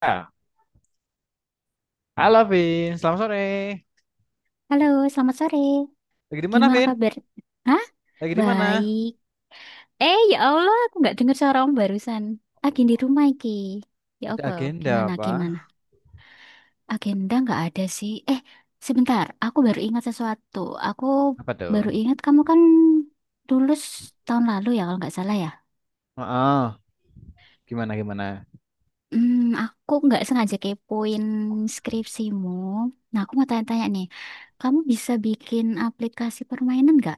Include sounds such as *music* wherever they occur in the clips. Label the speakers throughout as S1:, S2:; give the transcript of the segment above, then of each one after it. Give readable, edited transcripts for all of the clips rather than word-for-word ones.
S1: Ah, Halo Vin, selamat sore.
S2: Halo, selamat sore.
S1: Lagi di mana,
S2: Gimana
S1: Vin?
S2: kabar? Hah?
S1: Lagi di mana?
S2: Baik. Ya Allah, aku nggak dengar suara om barusan. Agen di rumah iki. Ya
S1: Ada
S2: Allah,
S1: agenda
S2: gimana,
S1: apa?
S2: gimana? Agenda nggak ada sih. Sebentar. Aku baru ingat sesuatu. Aku
S1: Apa tuh?
S2: baru ingat kamu kan lulus tahun lalu ya, kalau nggak salah ya.
S1: Heeh. Gimana, gimana?
S2: Aku nggak sengaja kepoin skripsimu. Nah, aku mau tanya-tanya nih. Kamu bisa bikin aplikasi permainan nggak?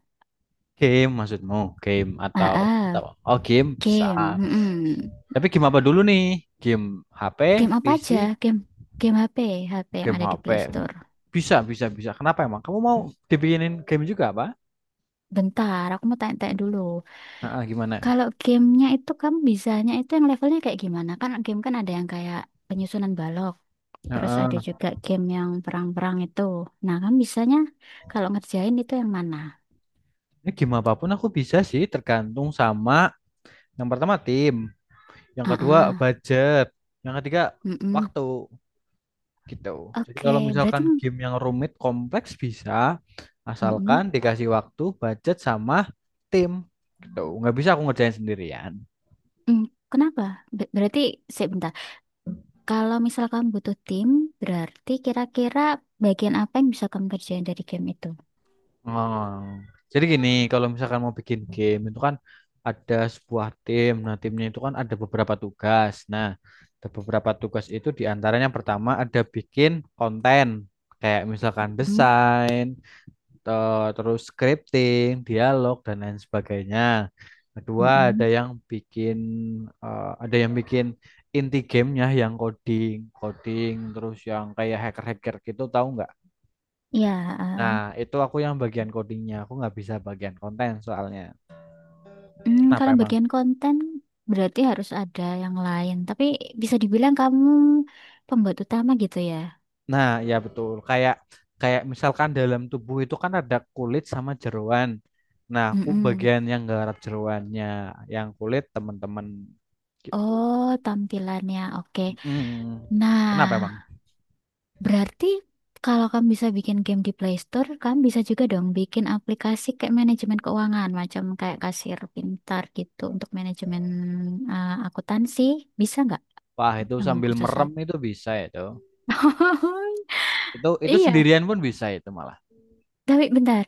S1: Game maksudmu? Game
S2: Ah,
S1: atau
S2: ah,
S1: Oh, game bisa.
S2: game. Mm-mm.
S1: Tapi game apa dulu nih? Game HP,
S2: Game apa aja?
S1: PC,
S2: Game game HP, HP yang
S1: game
S2: ada di
S1: HP.
S2: Play Store.
S1: Bisa, bisa, bisa. Kenapa emang? Kamu mau dibikinin game juga apa?
S2: Bentar, aku mau tanya-tanya dulu.
S1: Heeh, gimana?
S2: Kalau gamenya itu kamu bisanya itu yang levelnya kayak gimana? Kan game kan ada yang kayak penyusunan balok, terus ada
S1: Heeh.
S2: juga game yang perang-perang itu. Nah, kamu bisanya kalau ngerjain itu yang mana?
S1: Ini game apapun aku bisa sih, tergantung sama yang pertama tim, yang
S2: Ah,
S1: kedua
S2: ah,
S1: budget, yang ketiga
S2: mm-mm.
S1: waktu, gitu. Jadi
S2: Oke,
S1: kalau
S2: berarti
S1: misalkan game yang rumit kompleks bisa, asalkan
S2: mm-mm.
S1: dikasih waktu, budget sama tim, gitu. Nggak bisa aku ngerjain sendirian.
S2: Mm, Kenapa? Berarti sebentar. Kalau misal kamu butuh tim, berarti kira-kira bagian apa yang bisa kamu kerjain dari game itu?
S1: Oh. Jadi gini, kalau misalkan mau bikin game itu kan ada sebuah tim. Nah, timnya itu kan ada beberapa tugas. Nah, ada beberapa tugas itu diantaranya pertama ada bikin konten kayak misalkan desain, terus scripting, dialog dan lain sebagainya. Kedua ada
S2: Mm-mm.
S1: yang bikin, eh, ada yang bikin inti gamenya yang coding terus yang kayak hacker-hacker gitu, tahu nggak?
S2: Ya, eh,
S1: Nah
S2: eh.
S1: itu aku yang bagian codingnya, aku nggak bisa bagian konten soalnya.
S2: Hmm,
S1: Kenapa
S2: kalau
S1: emang?
S2: bagian konten berarti harus ada yang lain. Tapi bisa dibilang kamu pembuat utama gitu ya.
S1: Nah ya betul, kayak kayak misalkan dalam tubuh itu kan ada kulit sama jeroan. Nah aku
S2: Mm-mm.
S1: bagian yang garap jeroannya, yang kulit teman-teman, gitu.
S2: Oh, tampilannya oke.
S1: Hmm.
S2: Nah,
S1: Kenapa emang?
S2: berarti kalau kamu bisa bikin game di Play Store, kamu bisa juga dong bikin aplikasi kayak manajemen keuangan, macam kayak kasir pintar gitu untuk manajemen akuntansi. Bisa nggak
S1: Wah, itu
S2: yang
S1: sambil
S2: khusus?
S1: merem
S2: Apa?
S1: itu bisa itu.
S2: *laughs*
S1: Itu
S2: Iya,
S1: sendirian pun bisa itu malah.
S2: tapi bentar.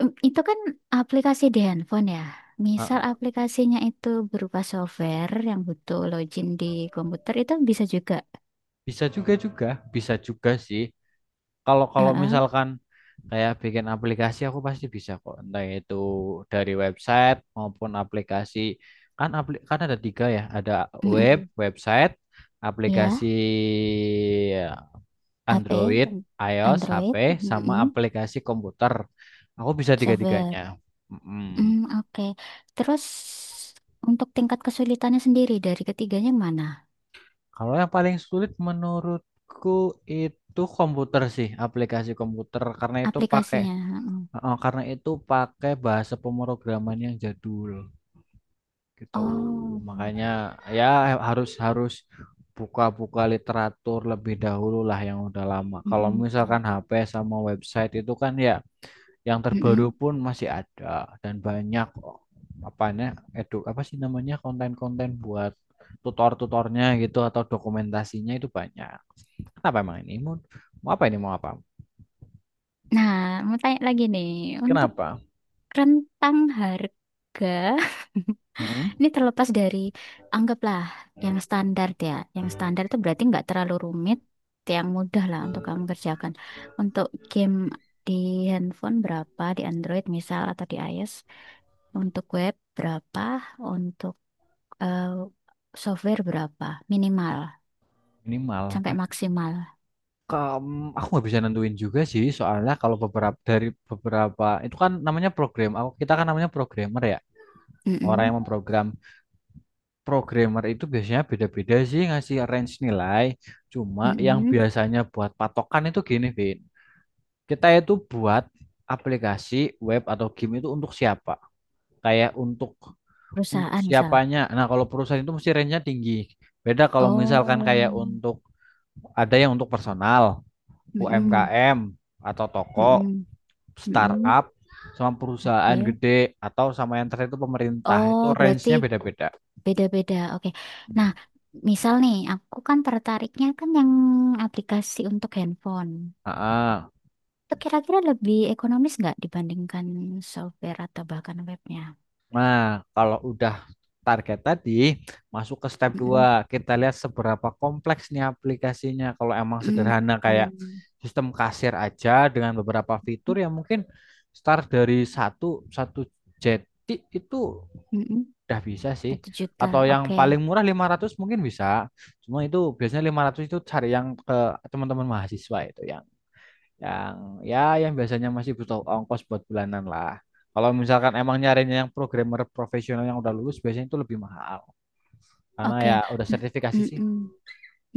S2: Itu kan aplikasi di handphone ya. Misal
S1: Heeh.
S2: aplikasinya itu berupa software yang butuh login di komputer itu bisa juga.
S1: Bisa juga juga, bisa juga sih. Kalau kalau
S2: Heeh.
S1: misalkan kayak bikin aplikasi aku pasti bisa kok. Entah itu dari website maupun aplikasi. Kan kan ada tiga ya, ada web,
S2: Mm-mm.
S1: website, aplikasi
S2: Ya,
S1: ya,
S2: HP,
S1: Android, iOS, HP,
S2: Android,
S1: sama
S2: mm-mm.
S1: aplikasi komputer. Aku bisa
S2: Software.
S1: tiga-tiganya. Mm-mm.
S2: Mm, oke. Terus untuk tingkat kesulitannya sendiri dari ketiganya mana?
S1: Kalau yang paling sulit menurutku itu komputer sih, aplikasi komputer karena itu pakai
S2: Aplikasinya. Heeh.
S1: bahasa pemrograman yang jadul, gitu.
S2: Oh.
S1: Makanya ya harus harus buka-buka literatur lebih dahulu lah yang udah lama. Kalau
S2: Mm-mm.
S1: misalkan HP sama website itu kan ya yang terbaru
S2: Mm-mm.
S1: pun masih ada dan banyak, oh, apanya, edu apa sih namanya, konten-konten buat tutor-tutornya gitu atau dokumentasinya itu banyak. Kenapa emang ini? Mau apa ini? Mau apa?
S2: Nah, mau tanya lagi nih, untuk
S1: Kenapa?
S2: rentang harga
S1: Mm-mm.
S2: ini terlepas dari anggaplah yang standar ya. Yang standar itu berarti nggak terlalu rumit, yang mudah lah untuk kamu kerjakan. Untuk game di handphone berapa, di Android misal atau di iOS, untuk web berapa, untuk eh, software berapa, minimal
S1: Minimal.
S2: sampai maksimal.
S1: Aku nggak bisa nentuin juga sih, soalnya kalau beberapa dari beberapa itu kan namanya program. Kita kan namanya programmer ya. Orang
S2: Mm-mm,
S1: yang memprogram programmer itu biasanya beda-beda sih ngasih range nilai. Cuma yang
S2: mm-mm.
S1: biasanya buat patokan itu gini, Vin. Kita itu buat aplikasi web atau game itu untuk siapa? Kayak untuk
S2: Perusahaan misal.
S1: siapanya. Nah, kalau perusahaan itu mesti range-nya tinggi. Beda kalau misalkan kayak
S2: Oh,
S1: ada yang untuk personal,
S2: mm-mm,
S1: UMKM atau toko,
S2: mm-mm, mm-mm.
S1: startup, sama perusahaan
S2: Oke.
S1: gede atau sama yang terakhir itu pemerintah.
S2: Oh,
S1: Itu
S2: berarti
S1: range-nya beda-beda.
S2: beda-beda, oke. Nah,
S1: Hmm.
S2: misal nih, aku kan tertariknya kan yang aplikasi untuk handphone.
S1: Ah, ah.
S2: Itu kira-kira lebih ekonomis nggak dibandingkan software atau bahkan webnya?
S1: Nah, kalau udah target tadi, masuk ke step
S2: Mm-mm.
S1: dua, Kita lihat seberapa kompleks nih aplikasinya. Kalau emang
S2: Mm,
S1: sederhana kayak
S2: mm,
S1: sistem kasir aja dengan beberapa fitur
S2: mm
S1: yang mungkin start dari satu satu jeti itu
S2: mm mm.
S1: udah bisa sih.
S2: Satu juta,
S1: Atau yang
S2: oke.
S1: paling murah 500 mungkin bisa. Cuma itu biasanya 500 itu cari yang ke teman-teman mahasiswa itu, yang ya yang biasanya masih butuh ongkos buat bulanan lah. Kalau misalkan emang nyarinya yang programmer profesional yang udah lulus biasanya itu lebih mahal karena
S2: Oke.
S1: ya udah
S2: N-
S1: sertifikasi sih.
S2: mm-mm.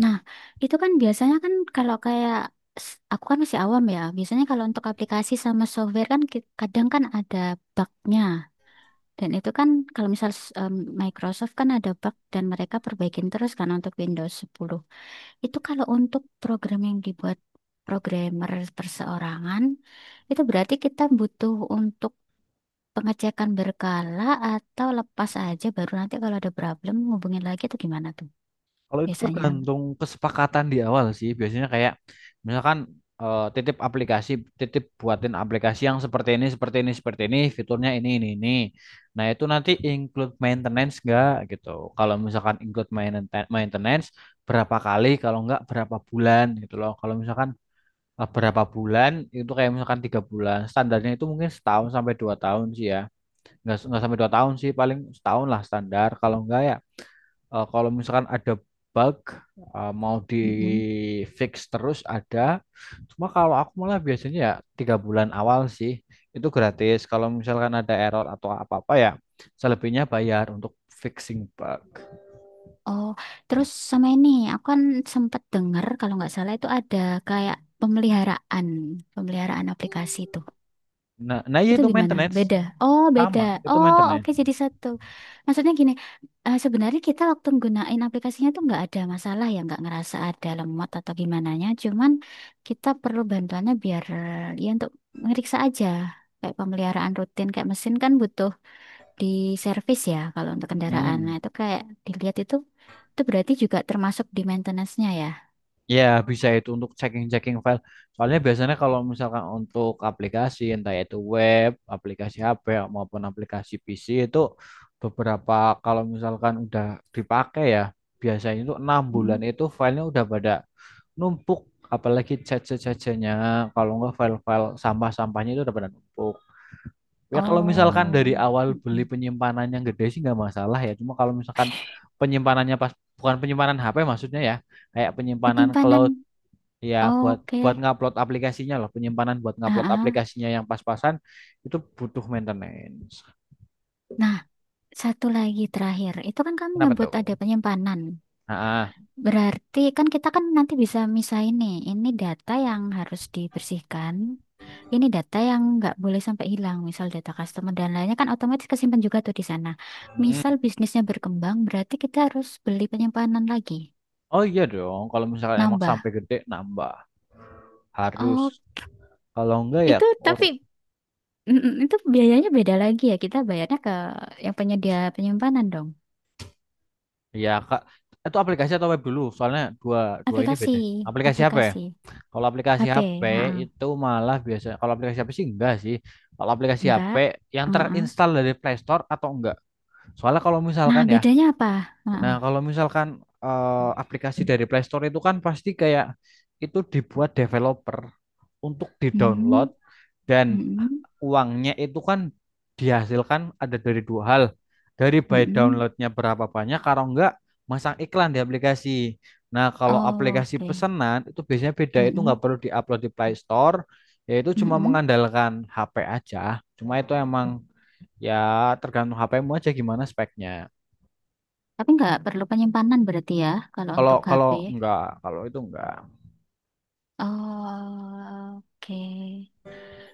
S2: Nah, itu kan biasanya kan kalau kayak aku kan masih awam ya. Biasanya kalau untuk aplikasi sama software kan kadang kan ada bugnya. Dan itu kan kalau misal em, Microsoft kan ada bug dan mereka perbaikin terus kan untuk Windows 10. Itu kalau untuk program yang dibuat programmer perseorangan, itu berarti kita butuh untuk pengecekan berkala atau lepas aja baru nanti kalau ada problem hubungin lagi atau gimana tuh
S1: Kalau itu
S2: biasanya.
S1: tergantung kesepakatan di awal sih. Biasanya kayak misalkan titip aplikasi, titip buatin aplikasi yang seperti ini, seperti ini, seperti ini, fiturnya ini, ini. Nah, itu nanti include maintenance enggak gitu. Kalau misalkan include maintenance berapa kali, kalau nggak berapa bulan gitu loh. Kalau misalkan berapa bulan itu kayak misalkan 3 bulan. Standarnya itu mungkin setahun sampai 2 tahun sih, ya nggak sampai 2 tahun sih, paling setahun lah standar. Kalau nggak ya kalau misalkan ada bug, mau di
S2: Mm-mm.
S1: fix terus ada, cuma kalau aku malah biasanya ya 3 bulan awal sih itu gratis, kalau misalkan ada error atau apa apa ya selebihnya bayar untuk fixing bug.
S2: Oh, terus sama ini aku kan sempat dengar kalau nggak salah itu ada kayak pemeliharaan, pemeliharaan aplikasi itu.
S1: Nah nah iya,
S2: Itu
S1: itu
S2: gimana?
S1: maintenance
S2: Beda. Oh, beda.
S1: sama itu
S2: Oh,
S1: maintenance.
S2: oke jadi satu. Maksudnya gini, sebenarnya kita waktu gunain aplikasinya tuh nggak ada masalah ya, nggak ngerasa ada lemot atau gimananya. Cuman kita perlu bantuannya biar ya untuk ngeriksa aja. Kayak pemeliharaan rutin, kayak mesin kan butuh di servis ya kalau untuk kendaraan. Nah,
S1: Hmm.
S2: itu kayak dilihat itu berarti juga termasuk di maintenance-nya ya.
S1: Ya, bisa itu untuk checking-checking file. Soalnya biasanya kalau misalkan untuk aplikasi, entah itu web, aplikasi HP, maupun aplikasi PC itu beberapa kalau misalkan udah dipakai ya, biasanya itu 6 bulan
S2: Mm.
S1: itu filenya udah pada numpuk, apalagi caca-cacanya, kalau nggak file-file sampah-sampahnya itu udah pada numpuk. Ya kalau misalkan dari
S2: Oh,
S1: awal beli
S2: mm-mm.
S1: penyimpanan yang gede sih nggak masalah ya. Cuma kalau misalkan penyimpanannya pas, bukan penyimpanan HP maksudnya ya, kayak penyimpanan
S2: Penyimpanan.
S1: cloud. Ya, buat buat
S2: Oke.
S1: ngupload aplikasinya loh, penyimpanan buat
S2: Ah,
S1: ngupload
S2: ah.
S1: aplikasinya yang pas-pasan itu butuh maintenance.
S2: Nah. Satu lagi terakhir, itu kan kamu
S1: Kenapa
S2: nyebut
S1: tuh?
S2: ada penyimpanan.
S1: Nah,
S2: Berarti kan kita kan nanti bisa misahin nih, ini data yang harus dibersihkan, ini data yang nggak boleh sampai hilang, misal data customer dan lainnya kan otomatis kesimpan juga tuh di sana. Misal
S1: hmm.
S2: bisnisnya berkembang, berarti kita harus beli penyimpanan lagi,
S1: Oh iya dong, kalau misalkan emang sampai
S2: nambah.
S1: gede nambah,
S2: Oh,
S1: harus. Kalau enggak ya,
S2: itu
S1: oh,
S2: tapi mm, mm, itu biayanya beda lagi ya, kita bayarnya ke yang penyedia penyimpanan dong.
S1: ya kak, itu aplikasi atau web dulu? Soalnya dua dua ini
S2: Aplikasi,
S1: beda. Aplikasi HP.
S2: aplikasi,
S1: Kalau aplikasi
S2: HP,
S1: HP
S2: ha-ha.
S1: itu malah biasa. Kalau aplikasi HP sih enggak sih. Kalau aplikasi HP
S2: Enggak.
S1: yang
S2: Ha.
S1: terinstall dari Play Store atau enggak? Soalnya kalau
S2: Nah,
S1: misalkan ya.
S2: bedanya apa?
S1: Nah,
S2: Heeh.
S1: kalau misalkan aplikasi dari Play Store itu kan pasti kayak itu dibuat developer untuk
S2: Hmm,
S1: di-download dan
S2: mm-mm,
S1: uangnya itu kan dihasilkan ada dari 2 hal. Dari by
S2: mm-mm.
S1: downloadnya berapa banyak, kalau enggak masang iklan di aplikasi. Nah, kalau
S2: Oh,
S1: aplikasi
S2: oke.
S1: pesanan itu biasanya beda, itu
S2: Mm-mm,
S1: nggak perlu diupload di Play Store, yaitu cuma
S2: mm-mm.
S1: mengandalkan HP aja. Cuma itu emang ya tergantung HP-mu aja gimana speknya.
S2: Tapi nggak perlu penyimpanan berarti ya kalau
S1: Kalau
S2: untuk
S1: kalau
S2: HP.
S1: enggak, kalau itu enggak.
S2: Oh, oke.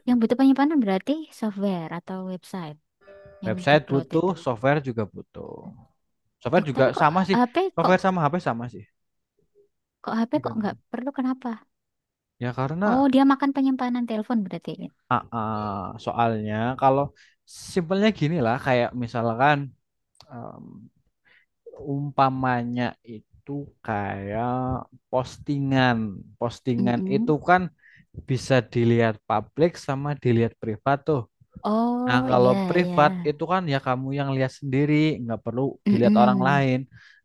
S2: Yang butuh penyimpanan berarti software atau website yang di
S1: Website
S2: cloud itu.
S1: butuh. Software
S2: Tuh,
S1: juga
S2: tapi kok
S1: sama sih.
S2: HP kok
S1: Software sama HP sama sih.
S2: kok HP kok
S1: Juga.
S2: nggak perlu kenapa?
S1: Ya
S2: Oh,
S1: karena
S2: dia makan penyimpanan telepon berarti.
S1: soalnya kalau simpelnya gini lah kayak misalkan em, umpamanya itu kayak postingan. Postingan itu
S2: Mm-mm.
S1: kan bisa dilihat publik sama dilihat privat tuh. Nah,
S2: Oh,
S1: kalau
S2: iya iya.
S1: privat itu kan ya kamu yang lihat sendiri, nggak perlu dilihat orang
S2: Mm-mm.
S1: lain.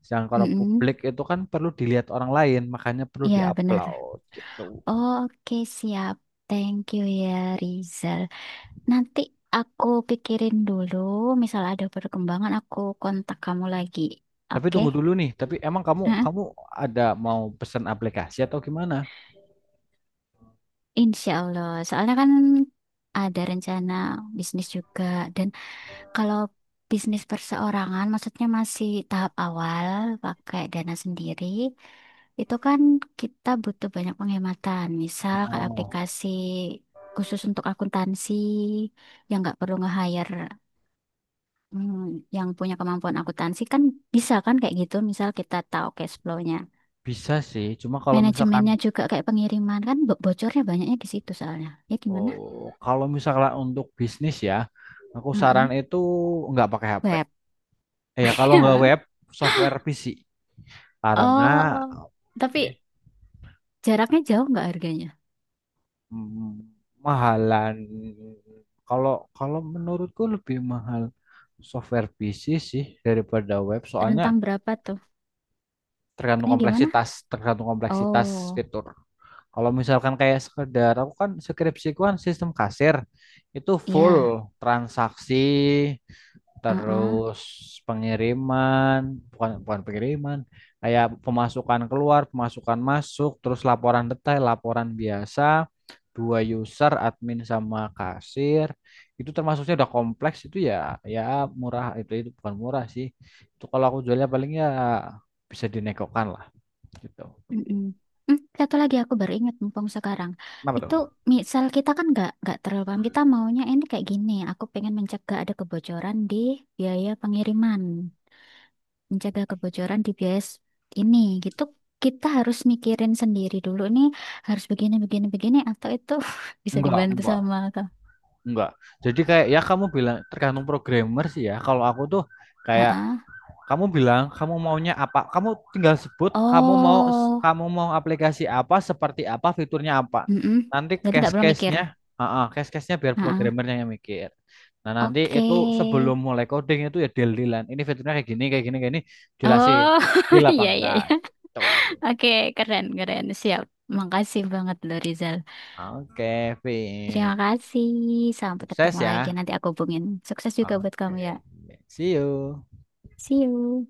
S1: Sedangkan kalau
S2: Mm-mm.
S1: publik itu kan perlu dilihat orang lain, makanya perlu
S2: Iya, benar.
S1: diupload gitu.
S2: Oke, siap. Thank you ya, Rizal. Nanti aku pikirin dulu, misal ada perkembangan aku kontak kamu lagi.
S1: Tapi
S2: Oke?
S1: tunggu dulu nih, tapi emang kamu
S2: Heeh.
S1: kamu ada mau pesan aplikasi atau gimana?
S2: Insya Allah. Soalnya kan ada rencana bisnis juga. Dan kalau bisnis perseorangan, maksudnya masih tahap awal, pakai dana sendiri, itu kan kita butuh banyak penghematan. Misal kayak
S1: Oh,
S2: aplikasi khusus untuk akuntansi, yang nggak perlu nge-hire hmm, yang punya kemampuan akuntansi kan bisa kan kayak gitu. Misal kita tahu cash flow-nya.
S1: bisa sih. Cuma kalau misalkan
S2: Manajemennya juga kayak pengiriman kan bocornya banyaknya di situ soalnya. Ya gimana?
S1: oh, kalau misalkan untuk bisnis ya, aku saran
S2: Heeh.
S1: itu nggak pakai HP.
S2: Web.
S1: Ya, kalau nggak web,
S2: *laughs*
S1: software PC. Karena
S2: Oh, tapi jaraknya jauh nggak harganya?
S1: Hmm, mahalan. Kalau kalau menurutku lebih mahal software PC sih daripada web. Soalnya
S2: Rentang berapa tuh? Ini gimana?
S1: tergantung kompleksitas
S2: Oh,
S1: fitur. Kalau misalkan kayak sekedar aku kan skripsiku kan sistem kasir itu
S2: ya.
S1: full transaksi
S2: Heeh.
S1: terus pengiriman, bukan, bukan pengiriman, kayak pemasukan keluar, pemasukan masuk, terus laporan detail, laporan biasa, 2 user, admin sama kasir. Itu termasuknya udah kompleks itu ya, ya murah itu bukan murah sih. Itu kalau aku jualnya paling ya bisa dinegokan lah, gitu.
S2: Mm-mm. Hmm, satu lagi aku baru ingat mumpung sekarang.
S1: Kenapa
S2: Itu
S1: tuh?
S2: misal kita kan nggak terlalu paham. Kita maunya ini kayak gini. Aku pengen mencegah ada kebocoran di biaya pengiriman, mencegah kebocoran di bias ini gitu. Kita harus mikirin sendiri dulu nih, harus begini begini begini atau itu *laughs* bisa dibantu
S1: Enggak,
S2: sama kak.
S1: enggak. Jadi kayak ya kamu bilang tergantung programmer sih ya. Kalau aku tuh kayak.
S2: Heeh.
S1: Kamu bilang kamu maunya apa? Kamu tinggal sebut, kamu mau
S2: Oh,
S1: aplikasi apa, seperti apa, fiturnya apa.
S2: mm,
S1: Nanti
S2: jadi nggak perlu mikir.
S1: case-case-nya, case-case-nya biar
S2: Heeh.
S1: programmernya yang mikir. Nah, nanti
S2: Oke.
S1: itu sebelum mulai coding itu ya deal-dealan. Ini fiturnya kayak gini, kayak gini, kayak ini, jelasin.
S2: Oh.
S1: Deal
S2: *laughs*
S1: apa
S2: Iya, iya,
S1: enggak
S2: iya.
S1: gitu.
S2: Oke, keren keren, siap. Makasih banget loh, Rizal.
S1: Oke, Vin.
S2: Terima kasih, sampai ketemu
S1: Sukses
S2: lagi,
S1: ya.
S2: nanti aku hubungin. Sukses juga buat kamu ya.
S1: Oke. See you.
S2: See you.